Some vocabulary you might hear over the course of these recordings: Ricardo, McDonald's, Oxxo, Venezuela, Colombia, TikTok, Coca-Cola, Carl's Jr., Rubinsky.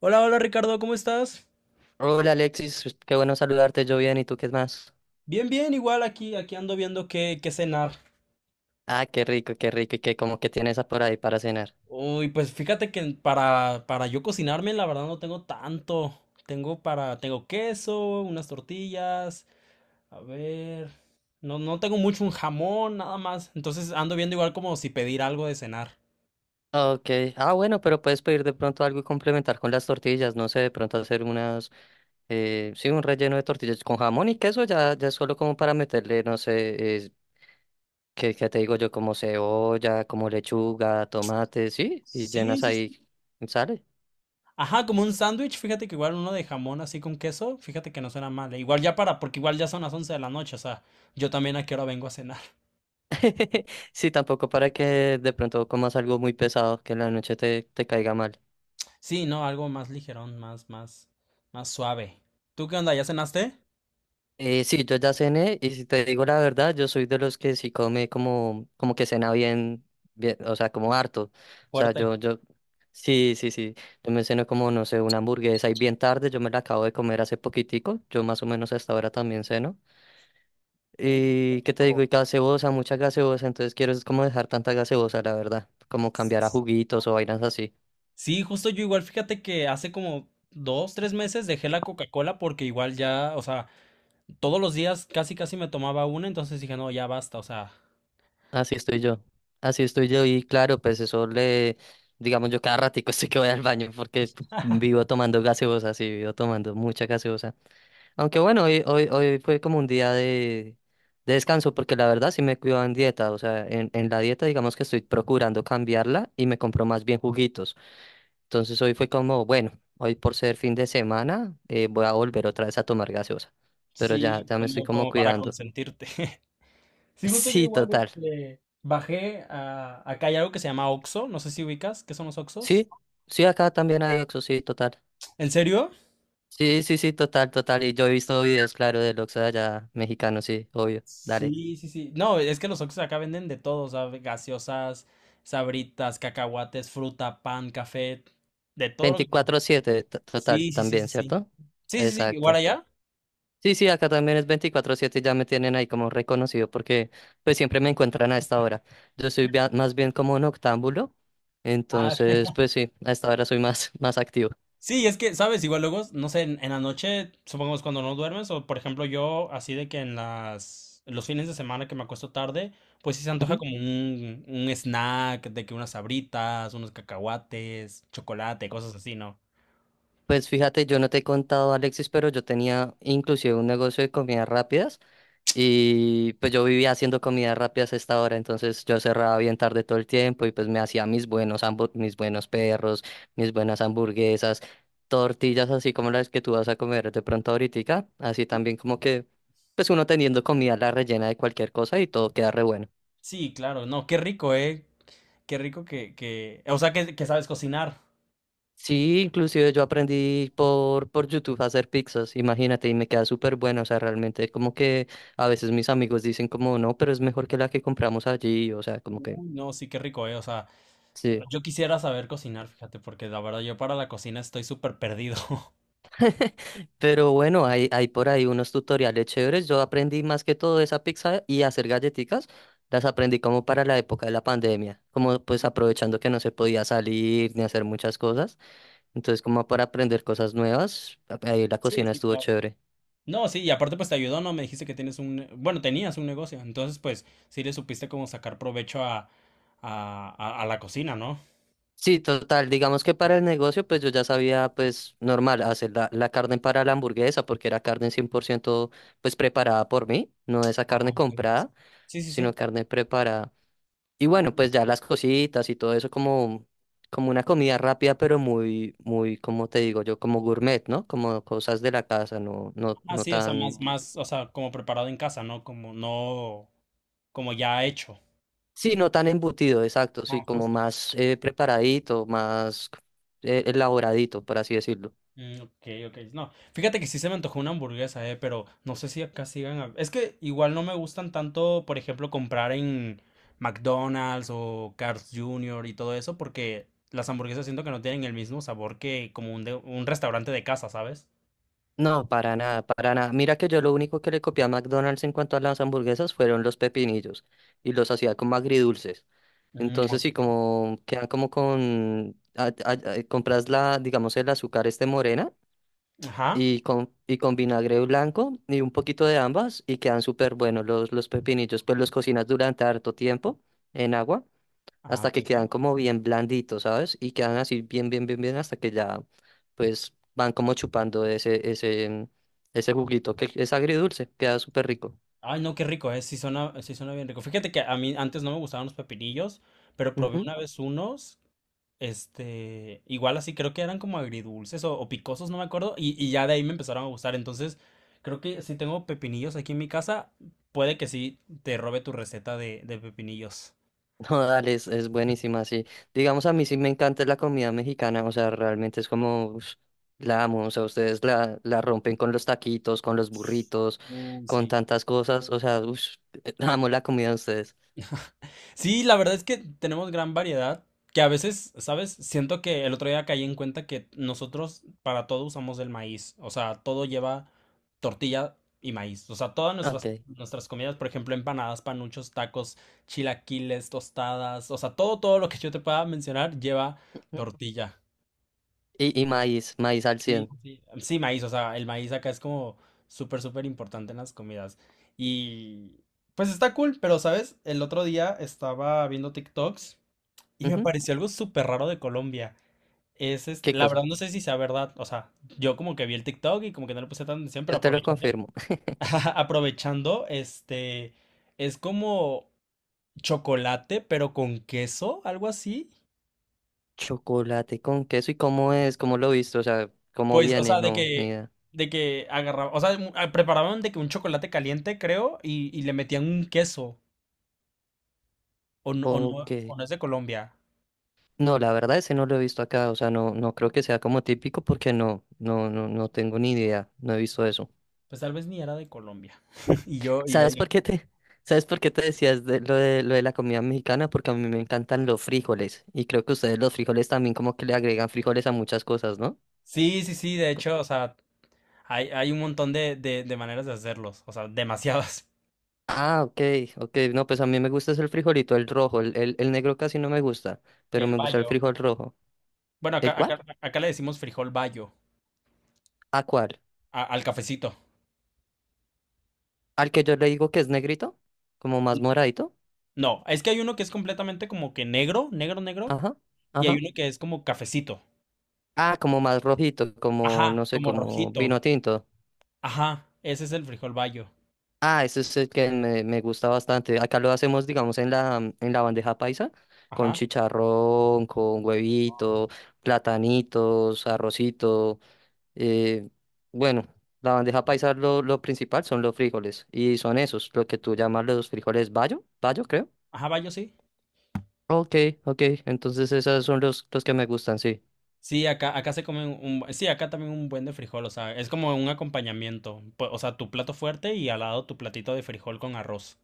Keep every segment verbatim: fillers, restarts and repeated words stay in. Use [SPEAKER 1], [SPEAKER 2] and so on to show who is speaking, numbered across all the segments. [SPEAKER 1] Hola, hola Ricardo, ¿cómo estás?
[SPEAKER 2] Hola Alexis, pues, qué bueno saludarte, yo bien, ¿y tú qué más?
[SPEAKER 1] Bien, bien, igual aquí, aquí ando viendo qué, qué cenar.
[SPEAKER 2] Ah, qué rico, qué rico, y qué como que tienes por ahí para cenar.
[SPEAKER 1] Uy, pues fíjate que para, para yo cocinarme, la verdad no tengo tanto. Tengo para, tengo queso, unas tortillas, a ver, no, no tengo mucho un jamón, nada más. Entonces ando viendo igual como si pedir algo de cenar.
[SPEAKER 2] Ah, Ok, ah bueno, pero puedes pedir de pronto algo y complementar con las tortillas, no sé, de pronto hacer unas, eh, sí, un relleno de tortillas con jamón y queso, ya, ya es solo como para meterle, no sé, eh, ¿qué, qué te digo yo? Como cebolla, como lechuga, tomate, sí, y
[SPEAKER 1] Sí,
[SPEAKER 2] llenas
[SPEAKER 1] sí, sí.
[SPEAKER 2] ahí, sale.
[SPEAKER 1] Ajá, como un sándwich, fíjate que igual uno de jamón así con queso, fíjate que no suena mal. Eh, Igual ya para, porque igual ya son las once de la noche, o sea, yo también a qué hora vengo a cenar.
[SPEAKER 2] Sí, tampoco para que de pronto comas algo muy pesado, que en la noche te, te caiga mal.
[SPEAKER 1] Sí, no, algo más ligerón, más, más, más suave. ¿Tú qué onda? ¿Ya cenaste?
[SPEAKER 2] Eh, sí, yo ya cené y si te digo la verdad, yo soy de los que sí come como, como que cena bien, bien, o sea, como harto. O sea,
[SPEAKER 1] Fuerte.
[SPEAKER 2] yo, yo, sí, sí, sí, yo me ceno como, no sé, una hamburguesa y bien tarde, yo me la acabo de comer hace poquitico, yo más o menos hasta ahora también ceno.
[SPEAKER 1] Uh, Qué
[SPEAKER 2] Y, ¿qué te digo?
[SPEAKER 1] rico.
[SPEAKER 2] Y gaseosa, mucha gaseosa, entonces quiero es como dejar tanta gaseosa, la verdad, como cambiar a juguitos o vainas así.
[SPEAKER 1] Sí, justo yo igual, fíjate que hace como dos, tres meses dejé la Coca-Cola porque igual ya, o sea, todos los días casi casi me tomaba una, entonces dije, no, ya basta, o sea,
[SPEAKER 2] Así estoy yo. Así estoy yo y claro, pues eso le, digamos yo cada ratico estoy que voy al baño porque vivo tomando gaseosa, sí, vivo tomando mucha gaseosa. Aunque bueno, hoy, hoy, hoy fue como un día de, de, descanso porque la verdad sí me cuido en dieta, o sea, en, en la dieta digamos que estoy procurando cambiarla y me compro más bien juguitos. Entonces hoy fue como, bueno, hoy por ser fin de semana eh, voy a volver otra vez a tomar gaseosa, pero ya,
[SPEAKER 1] sí,
[SPEAKER 2] ya me estoy
[SPEAKER 1] como,
[SPEAKER 2] como
[SPEAKER 1] como para
[SPEAKER 2] cuidando.
[SPEAKER 1] consentirte. Sí, justo yo
[SPEAKER 2] Sí,
[SPEAKER 1] igual,
[SPEAKER 2] total.
[SPEAKER 1] este, bajé a, acá hay algo que se llama Oxxo, no sé si ubicas, ¿qué son los Oxxos?
[SPEAKER 2] Sí, sí, acá también hay Oxxo, sí, total.
[SPEAKER 1] ¿En serio?
[SPEAKER 2] Sí, sí, sí, total, total. Y yo he visto videos, claro, del Oxxo de allá mexicano, sí, obvio. Dale.
[SPEAKER 1] Sí, sí, sí. No, es que los Oxxos acá venden de todo, o sea, gaseosas, sabritas, cacahuates, fruta, pan, café, de todo lo que... te- imaginas.
[SPEAKER 2] Veinticuatro siete t- total,
[SPEAKER 1] Sí, sí, sí, sí,
[SPEAKER 2] también,
[SPEAKER 1] sí.
[SPEAKER 2] ¿cierto?
[SPEAKER 1] Sí, sí, sí, igual
[SPEAKER 2] Exacto.
[SPEAKER 1] allá.
[SPEAKER 2] Sí, sí, acá también es veinticuatro siete y ya me tienen ahí como reconocido porque pues siempre me encuentran a esta hora. Yo soy bia- más bien como un octámbulo,
[SPEAKER 1] Ah.
[SPEAKER 2] entonces pues sí, a esta hora soy más, más activo.
[SPEAKER 1] Sí, es que, ¿sabes? Igual luego, no sé, en, en la noche, supongamos cuando no duermes, o por ejemplo yo, así de que en las, los fines de semana que me acuesto tarde, pues sí se antoja
[SPEAKER 2] Ujú.
[SPEAKER 1] como un, un snack, de que unas sabritas, unos cacahuates, chocolate, cosas así, ¿no?
[SPEAKER 2] Pues fíjate, yo no te he contado, Alexis, pero yo tenía inclusive un negocio de comidas rápidas. Y pues yo vivía haciendo comidas rápidas a esta hora, entonces yo cerraba bien tarde todo el tiempo y pues me hacía mis buenos hambu- mis buenos perros, mis buenas hamburguesas, tortillas así como las que tú vas a comer de pronto ahorita, así también como que pues uno teniendo comida la rellena de cualquier cosa y todo queda re bueno.
[SPEAKER 1] Sí, claro, no, qué rico, ¿eh? Qué rico que, que, o sea, que, que sabes cocinar.
[SPEAKER 2] Sí, inclusive yo aprendí por, por YouTube a hacer pizzas, imagínate, y me queda súper bueno, o sea, realmente como que a veces mis amigos dicen como no, pero es mejor que la que compramos allí, o sea, como que
[SPEAKER 1] Uy, no, sí, qué rico, eh. O sea,
[SPEAKER 2] sí.
[SPEAKER 1] yo quisiera saber cocinar, fíjate, porque la verdad yo para la cocina estoy súper perdido.
[SPEAKER 2] Pero bueno, hay, hay por ahí unos tutoriales chéveres. Yo aprendí más que todo esa pizza y hacer galletitas. Las aprendí como para la época de la pandemia, como pues aprovechando que no se podía salir ni hacer muchas cosas. Entonces, como para aprender cosas nuevas, ahí la
[SPEAKER 1] Sí,
[SPEAKER 2] cocina
[SPEAKER 1] sí,
[SPEAKER 2] estuvo
[SPEAKER 1] claro.
[SPEAKER 2] chévere.
[SPEAKER 1] No, sí, y aparte pues te ayudó, ¿no? Me dijiste que tienes un, ne- bueno, tenías un negocio, entonces pues sí le supiste como sacar provecho a, a, a- a la cocina, ¿no?
[SPEAKER 2] Sí, total, digamos que para el negocio, pues yo ya sabía, pues normal, hacer la, la, carne para la hamburguesa, porque era carne cien por ciento pues preparada por mí, no esa
[SPEAKER 1] Ajá,
[SPEAKER 2] carne
[SPEAKER 1] ok, ok, sí.
[SPEAKER 2] comprada,
[SPEAKER 1] Sí, sí,
[SPEAKER 2] sino
[SPEAKER 1] sí.
[SPEAKER 2] carne preparada. Y bueno, pues ya las cositas y todo eso como, como una comida rápida, pero muy, muy, como te digo yo, como gourmet, ¿no? Como cosas de la casa, no, no,
[SPEAKER 1] Ah,
[SPEAKER 2] no
[SPEAKER 1] sí, o sea,
[SPEAKER 2] tan,
[SPEAKER 1] más, más, o sea, como preparado en casa, ¿no? Como no, como ya hecho.
[SPEAKER 2] sí, no tan embutido, exacto, sí, como más eh, preparadito, más eh, elaboradito, por así decirlo.
[SPEAKER 1] Mm, ok, ok. No, fíjate que sí se me antojó una hamburguesa, eh, pero no sé si acá sigan. hab- Es que igual no me gustan tanto, por ejemplo, comprar en McDonald's o Carl's junior y todo eso, porque las hamburguesas siento que no tienen el mismo sabor que como un, de- un restaurante de casa, ¿sabes?
[SPEAKER 2] No, para nada, para nada. Mira que yo lo único que le copié a McDonald's en cuanto a las hamburguesas fueron los pepinillos y los hacía como agridulces.
[SPEAKER 1] Mm, ok,
[SPEAKER 2] Entonces sí,
[SPEAKER 1] ok.
[SPEAKER 2] como quedan como con, a- a- a- compras la, digamos, el azúcar este morena
[SPEAKER 1] Ajá.
[SPEAKER 2] y con, y con, vinagre blanco y un poquito de ambas y quedan súper buenos los, los pepinillos. Pues los cocinas durante harto tiempo en agua
[SPEAKER 1] Ah,
[SPEAKER 2] hasta
[SPEAKER 1] ok,
[SPEAKER 2] que quedan
[SPEAKER 1] ok.
[SPEAKER 2] como bien blanditos, ¿sabes? Y quedan así bien, bien, bien, bien hasta que ya pues van como chupando ese, ese, ese juguito que es agridulce, queda súper rico.
[SPEAKER 1] Ay, no, qué rico, ¿eh? Sí suena, sí suena bien rico. Fíjate que a mí antes no me gustaban los pepinillos, pero probé una vez unos, este, igual así, creo que eran como agridulces o, o picosos, no me acuerdo, y, y ya de ahí me empezaron a gustar. Entonces, creo que si tengo pepinillos aquí en mi casa, puede que sí te robe tu receta de, de pepinillos.
[SPEAKER 2] No, dale, es, es buenísima, sí. Digamos, a mí sí me encanta la comida mexicana, o sea, realmente es como, ush, la amo, o sea, ustedes la, la rompen con los taquitos, con los burritos,
[SPEAKER 1] Uh,
[SPEAKER 2] con
[SPEAKER 1] sí.
[SPEAKER 2] tantas cosas, o sea, ush, amo la comida de ustedes.
[SPEAKER 1] Sí, la verdad es que tenemos gran variedad, que a veces, ¿sabes? Siento que el otro día caí en cuenta que nosotros para todo usamos el maíz, o sea, todo lleva tortilla y maíz, o sea, todas
[SPEAKER 2] Ok.
[SPEAKER 1] nuestras, nuestras comidas, por ejemplo, empanadas, panuchos, tacos, chilaquiles, tostadas, o sea, todo, todo lo que yo te pueda mencionar lleva
[SPEAKER 2] Ujú.
[SPEAKER 1] tortilla.
[SPEAKER 2] Y, y maíz, maíz al
[SPEAKER 1] Sí,
[SPEAKER 2] cien.
[SPEAKER 1] sí. Sí, maíz, o sea, el maíz acá es como súper, súper importante en las comidas. Y pues está cool, pero, ¿sabes? El otro día estaba viendo TikToks. Y me
[SPEAKER 2] Ujú.
[SPEAKER 1] pareció algo súper raro de Colombia. Es este,
[SPEAKER 2] ¿Qué
[SPEAKER 1] la verdad
[SPEAKER 2] cosa?
[SPEAKER 1] no sé si sea verdad, o sea, yo como que vi el TikTok y como que no le puse tanta atención,
[SPEAKER 2] Yo
[SPEAKER 1] pero
[SPEAKER 2] te lo
[SPEAKER 1] aprovechando,
[SPEAKER 2] confirmo.
[SPEAKER 1] aprovechando, este, es como chocolate, pero con queso, algo así.
[SPEAKER 2] Chocolate con queso, ¿y cómo es? ¿Cómo lo viste? O sea, ¿cómo
[SPEAKER 1] Pues, o
[SPEAKER 2] viene?
[SPEAKER 1] sea, de
[SPEAKER 2] No, ni
[SPEAKER 1] que,
[SPEAKER 2] idea.
[SPEAKER 1] de que agarraban, o sea, mu- ah, preparaban de que un chocolate caliente, creo, y, y le metían un queso, o no, o
[SPEAKER 2] Ok.
[SPEAKER 1] no, o no es de Colombia.
[SPEAKER 2] No, la verdad ese no lo he visto acá, o sea, no, no creo que sea como típico porque no, no, no, no tengo ni idea, no he visto eso.
[SPEAKER 1] Pues tal vez ni era de Colombia. Y yo, y yo,
[SPEAKER 2] ¿Sabes
[SPEAKER 1] ya.
[SPEAKER 2] por qué te, sabes por qué te decías de lo de, lo de, la comida mexicana? Porque a mí me encantan los frijoles y creo que ustedes los frijoles también como que le agregan frijoles a muchas cosas, ¿no?
[SPEAKER 1] Sí, sí, sí, de hecho, o sea, Hay, hay un montón de, de, de maneras de hacerlos, o sea, demasiadas.
[SPEAKER 2] Ah, ok, ok, no, pues a mí me gusta es el frijolito, el rojo, el, el, el negro casi no me gusta, pero
[SPEAKER 1] El
[SPEAKER 2] me gusta el
[SPEAKER 1] bayo.
[SPEAKER 2] frijol rojo.
[SPEAKER 1] Bueno,
[SPEAKER 2] ¿El
[SPEAKER 1] acá, acá,
[SPEAKER 2] cuál?
[SPEAKER 1] acá le decimos frijol bayo
[SPEAKER 2] ¿A cuál?
[SPEAKER 1] a- al cafecito.
[SPEAKER 2] ¿Al que yo le digo que es negrito? ¿Como más moradito?
[SPEAKER 1] No, es que hay uno que es completamente como que negro, negro, negro,
[SPEAKER 2] Ajá,
[SPEAKER 1] y hay
[SPEAKER 2] ajá.
[SPEAKER 1] uno que es como cafecito.
[SPEAKER 2] Ah, como más rojito, como, no
[SPEAKER 1] Ajá,
[SPEAKER 2] sé,
[SPEAKER 1] como
[SPEAKER 2] como vino
[SPEAKER 1] rojito.
[SPEAKER 2] tinto.
[SPEAKER 1] Ajá, ese es el frijol bayo.
[SPEAKER 2] Ah, ese es el que me, me, gusta bastante. Acá lo hacemos, digamos, en la, mm, en la bandeja paisa, con
[SPEAKER 1] Ajá,
[SPEAKER 2] chicharrón, con huevito, platanitos, arrocito. eh, bueno, la bandeja paisa lo, lo, principal son los frijoles, y son esos, lo que tú llamas los frijoles bayo, bayo, creo.
[SPEAKER 1] ajá, bayo sí.
[SPEAKER 2] Ok, ok, entonces esos son los, los, que me gustan, sí.
[SPEAKER 1] Sí, acá, acá se come un, un- sí, acá también un buen de frijol, o sea, es como un acompañamiento, pu- o sea, tu plato fuerte y al lado tu platito de frijol con arroz.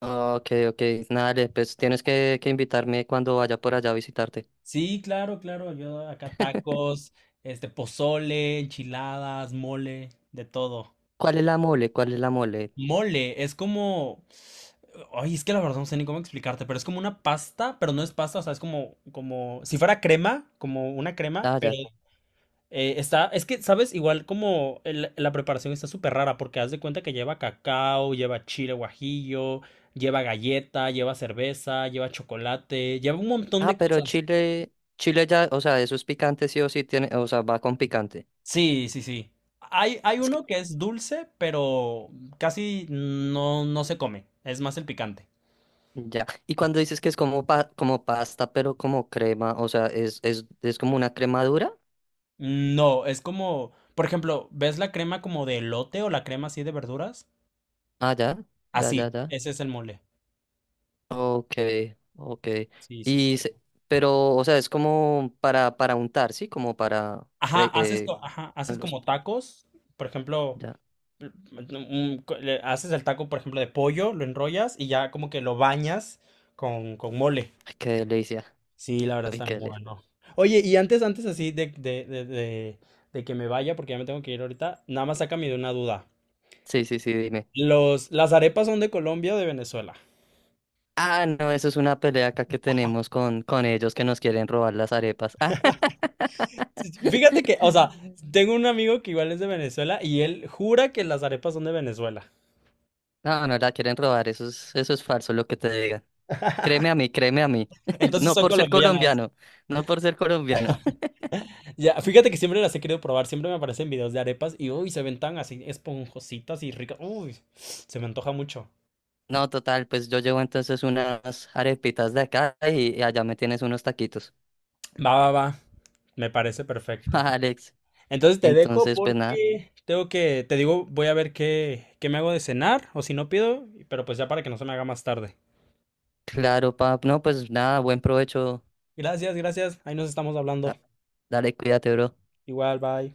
[SPEAKER 2] Ok, ok, nada, pues tienes que, que invitarme cuando vaya por allá a visitarte.
[SPEAKER 1] Sí, claro, claro. Yo acá tacos, este, pozole, enchiladas, mole, de todo.
[SPEAKER 2] ¿Cuál es la mole? ¿Cuál es la mole?
[SPEAKER 1] Mole, es como. Ay, es que la verdad no sé ni cómo explicarte, pero es como una pasta, pero no es pasta, o sea, es como, como, si fuera crema, como una crema,
[SPEAKER 2] Ah,
[SPEAKER 1] pero
[SPEAKER 2] ya.
[SPEAKER 1] eh, está, es que, ¿sabes? Igual como el- la preparación está súper rara, porque haz de cuenta que lleva cacao, lleva chile guajillo, lleva galleta, lleva cerveza, lleva chocolate, lleva un montón
[SPEAKER 2] Ah,
[SPEAKER 1] de
[SPEAKER 2] pero
[SPEAKER 1] cosas.
[SPEAKER 2] Chile, Chile ya, o sea, eso es picante sí o sí tiene, o sea, va con picante.
[SPEAKER 1] Sí, sí, sí. Hay, hay
[SPEAKER 2] Es que,
[SPEAKER 1] uno que es dulce, pero casi no, no se come. Es más el picante.
[SPEAKER 2] ya. Y cuando dices que es como pa- como pasta, pero como crema, o sea, es, es, es como una cremadura.
[SPEAKER 1] No, es como, por ejemplo, ¿ves la crema como de elote o la crema así de verduras?
[SPEAKER 2] Ah, ya, ya,
[SPEAKER 1] Así,
[SPEAKER 2] ya, ya.
[SPEAKER 1] ese es el mole.
[SPEAKER 2] Ok, ok.
[SPEAKER 1] Sí, sí, sí.
[SPEAKER 2] Y se- pero, o sea, es como para, para, untar, ¿sí? Como para
[SPEAKER 1] Ajá,
[SPEAKER 2] fre-
[SPEAKER 1] haces,
[SPEAKER 2] eh,
[SPEAKER 1] co- ajá, haces
[SPEAKER 2] los,
[SPEAKER 1] como tacos, por ejemplo,
[SPEAKER 2] ya.
[SPEAKER 1] l- un co- le haces el taco, por ejemplo, de pollo, lo enrollas y ya como que lo bañas con, con mole.
[SPEAKER 2] Ay, qué delicia.
[SPEAKER 1] Sí, la verdad
[SPEAKER 2] Ay,
[SPEAKER 1] está muy
[SPEAKER 2] qué delicia.
[SPEAKER 1] bueno. Oye, y antes, antes así de, de, de, de, de que me vaya, porque ya me tengo que ir ahorita, nada más sácame de una duda.
[SPEAKER 2] Sí, sí, sí, dime.
[SPEAKER 1] Los, ¿las arepas son de Colombia o de Venezuela?
[SPEAKER 2] Ah, no, eso es una pelea acá que tenemos con, con ellos que nos quieren robar las arepas. Ah.
[SPEAKER 1] Sí, sí. Fíjate que, o sea, tengo un amigo que igual es de Venezuela y él jura que las arepas son de Venezuela.
[SPEAKER 2] No, no la quieren robar, eso es, eso es falso lo que te digan. Créeme a mí, créeme a mí.
[SPEAKER 1] Entonces
[SPEAKER 2] No
[SPEAKER 1] son
[SPEAKER 2] por ser
[SPEAKER 1] colombianas.
[SPEAKER 2] colombiano, no por ser colombiano.
[SPEAKER 1] Ya, fíjate que siempre las he querido probar, siempre me aparecen videos de arepas y uy, se ven tan así esponjositas y ricas. Uy, se me antoja mucho.
[SPEAKER 2] No, total, pues yo llevo entonces unas arepitas de acá y, y, allá me tienes unos taquitos.
[SPEAKER 1] Va, va, va. Me parece perfecto.
[SPEAKER 2] Alex,
[SPEAKER 1] Entonces te dejo
[SPEAKER 2] entonces pues nada,
[SPEAKER 1] porque tengo que, te digo, voy a ver qué, qué, me hago de cenar o si no pido, pero pues ya para que no se me haga más tarde.
[SPEAKER 2] claro, pap, no, pues nada, buen provecho.
[SPEAKER 1] Gracias, gracias. Ahí nos estamos hablando.
[SPEAKER 2] Ah, Dale, cuídate, bro.
[SPEAKER 1] Igual, bye.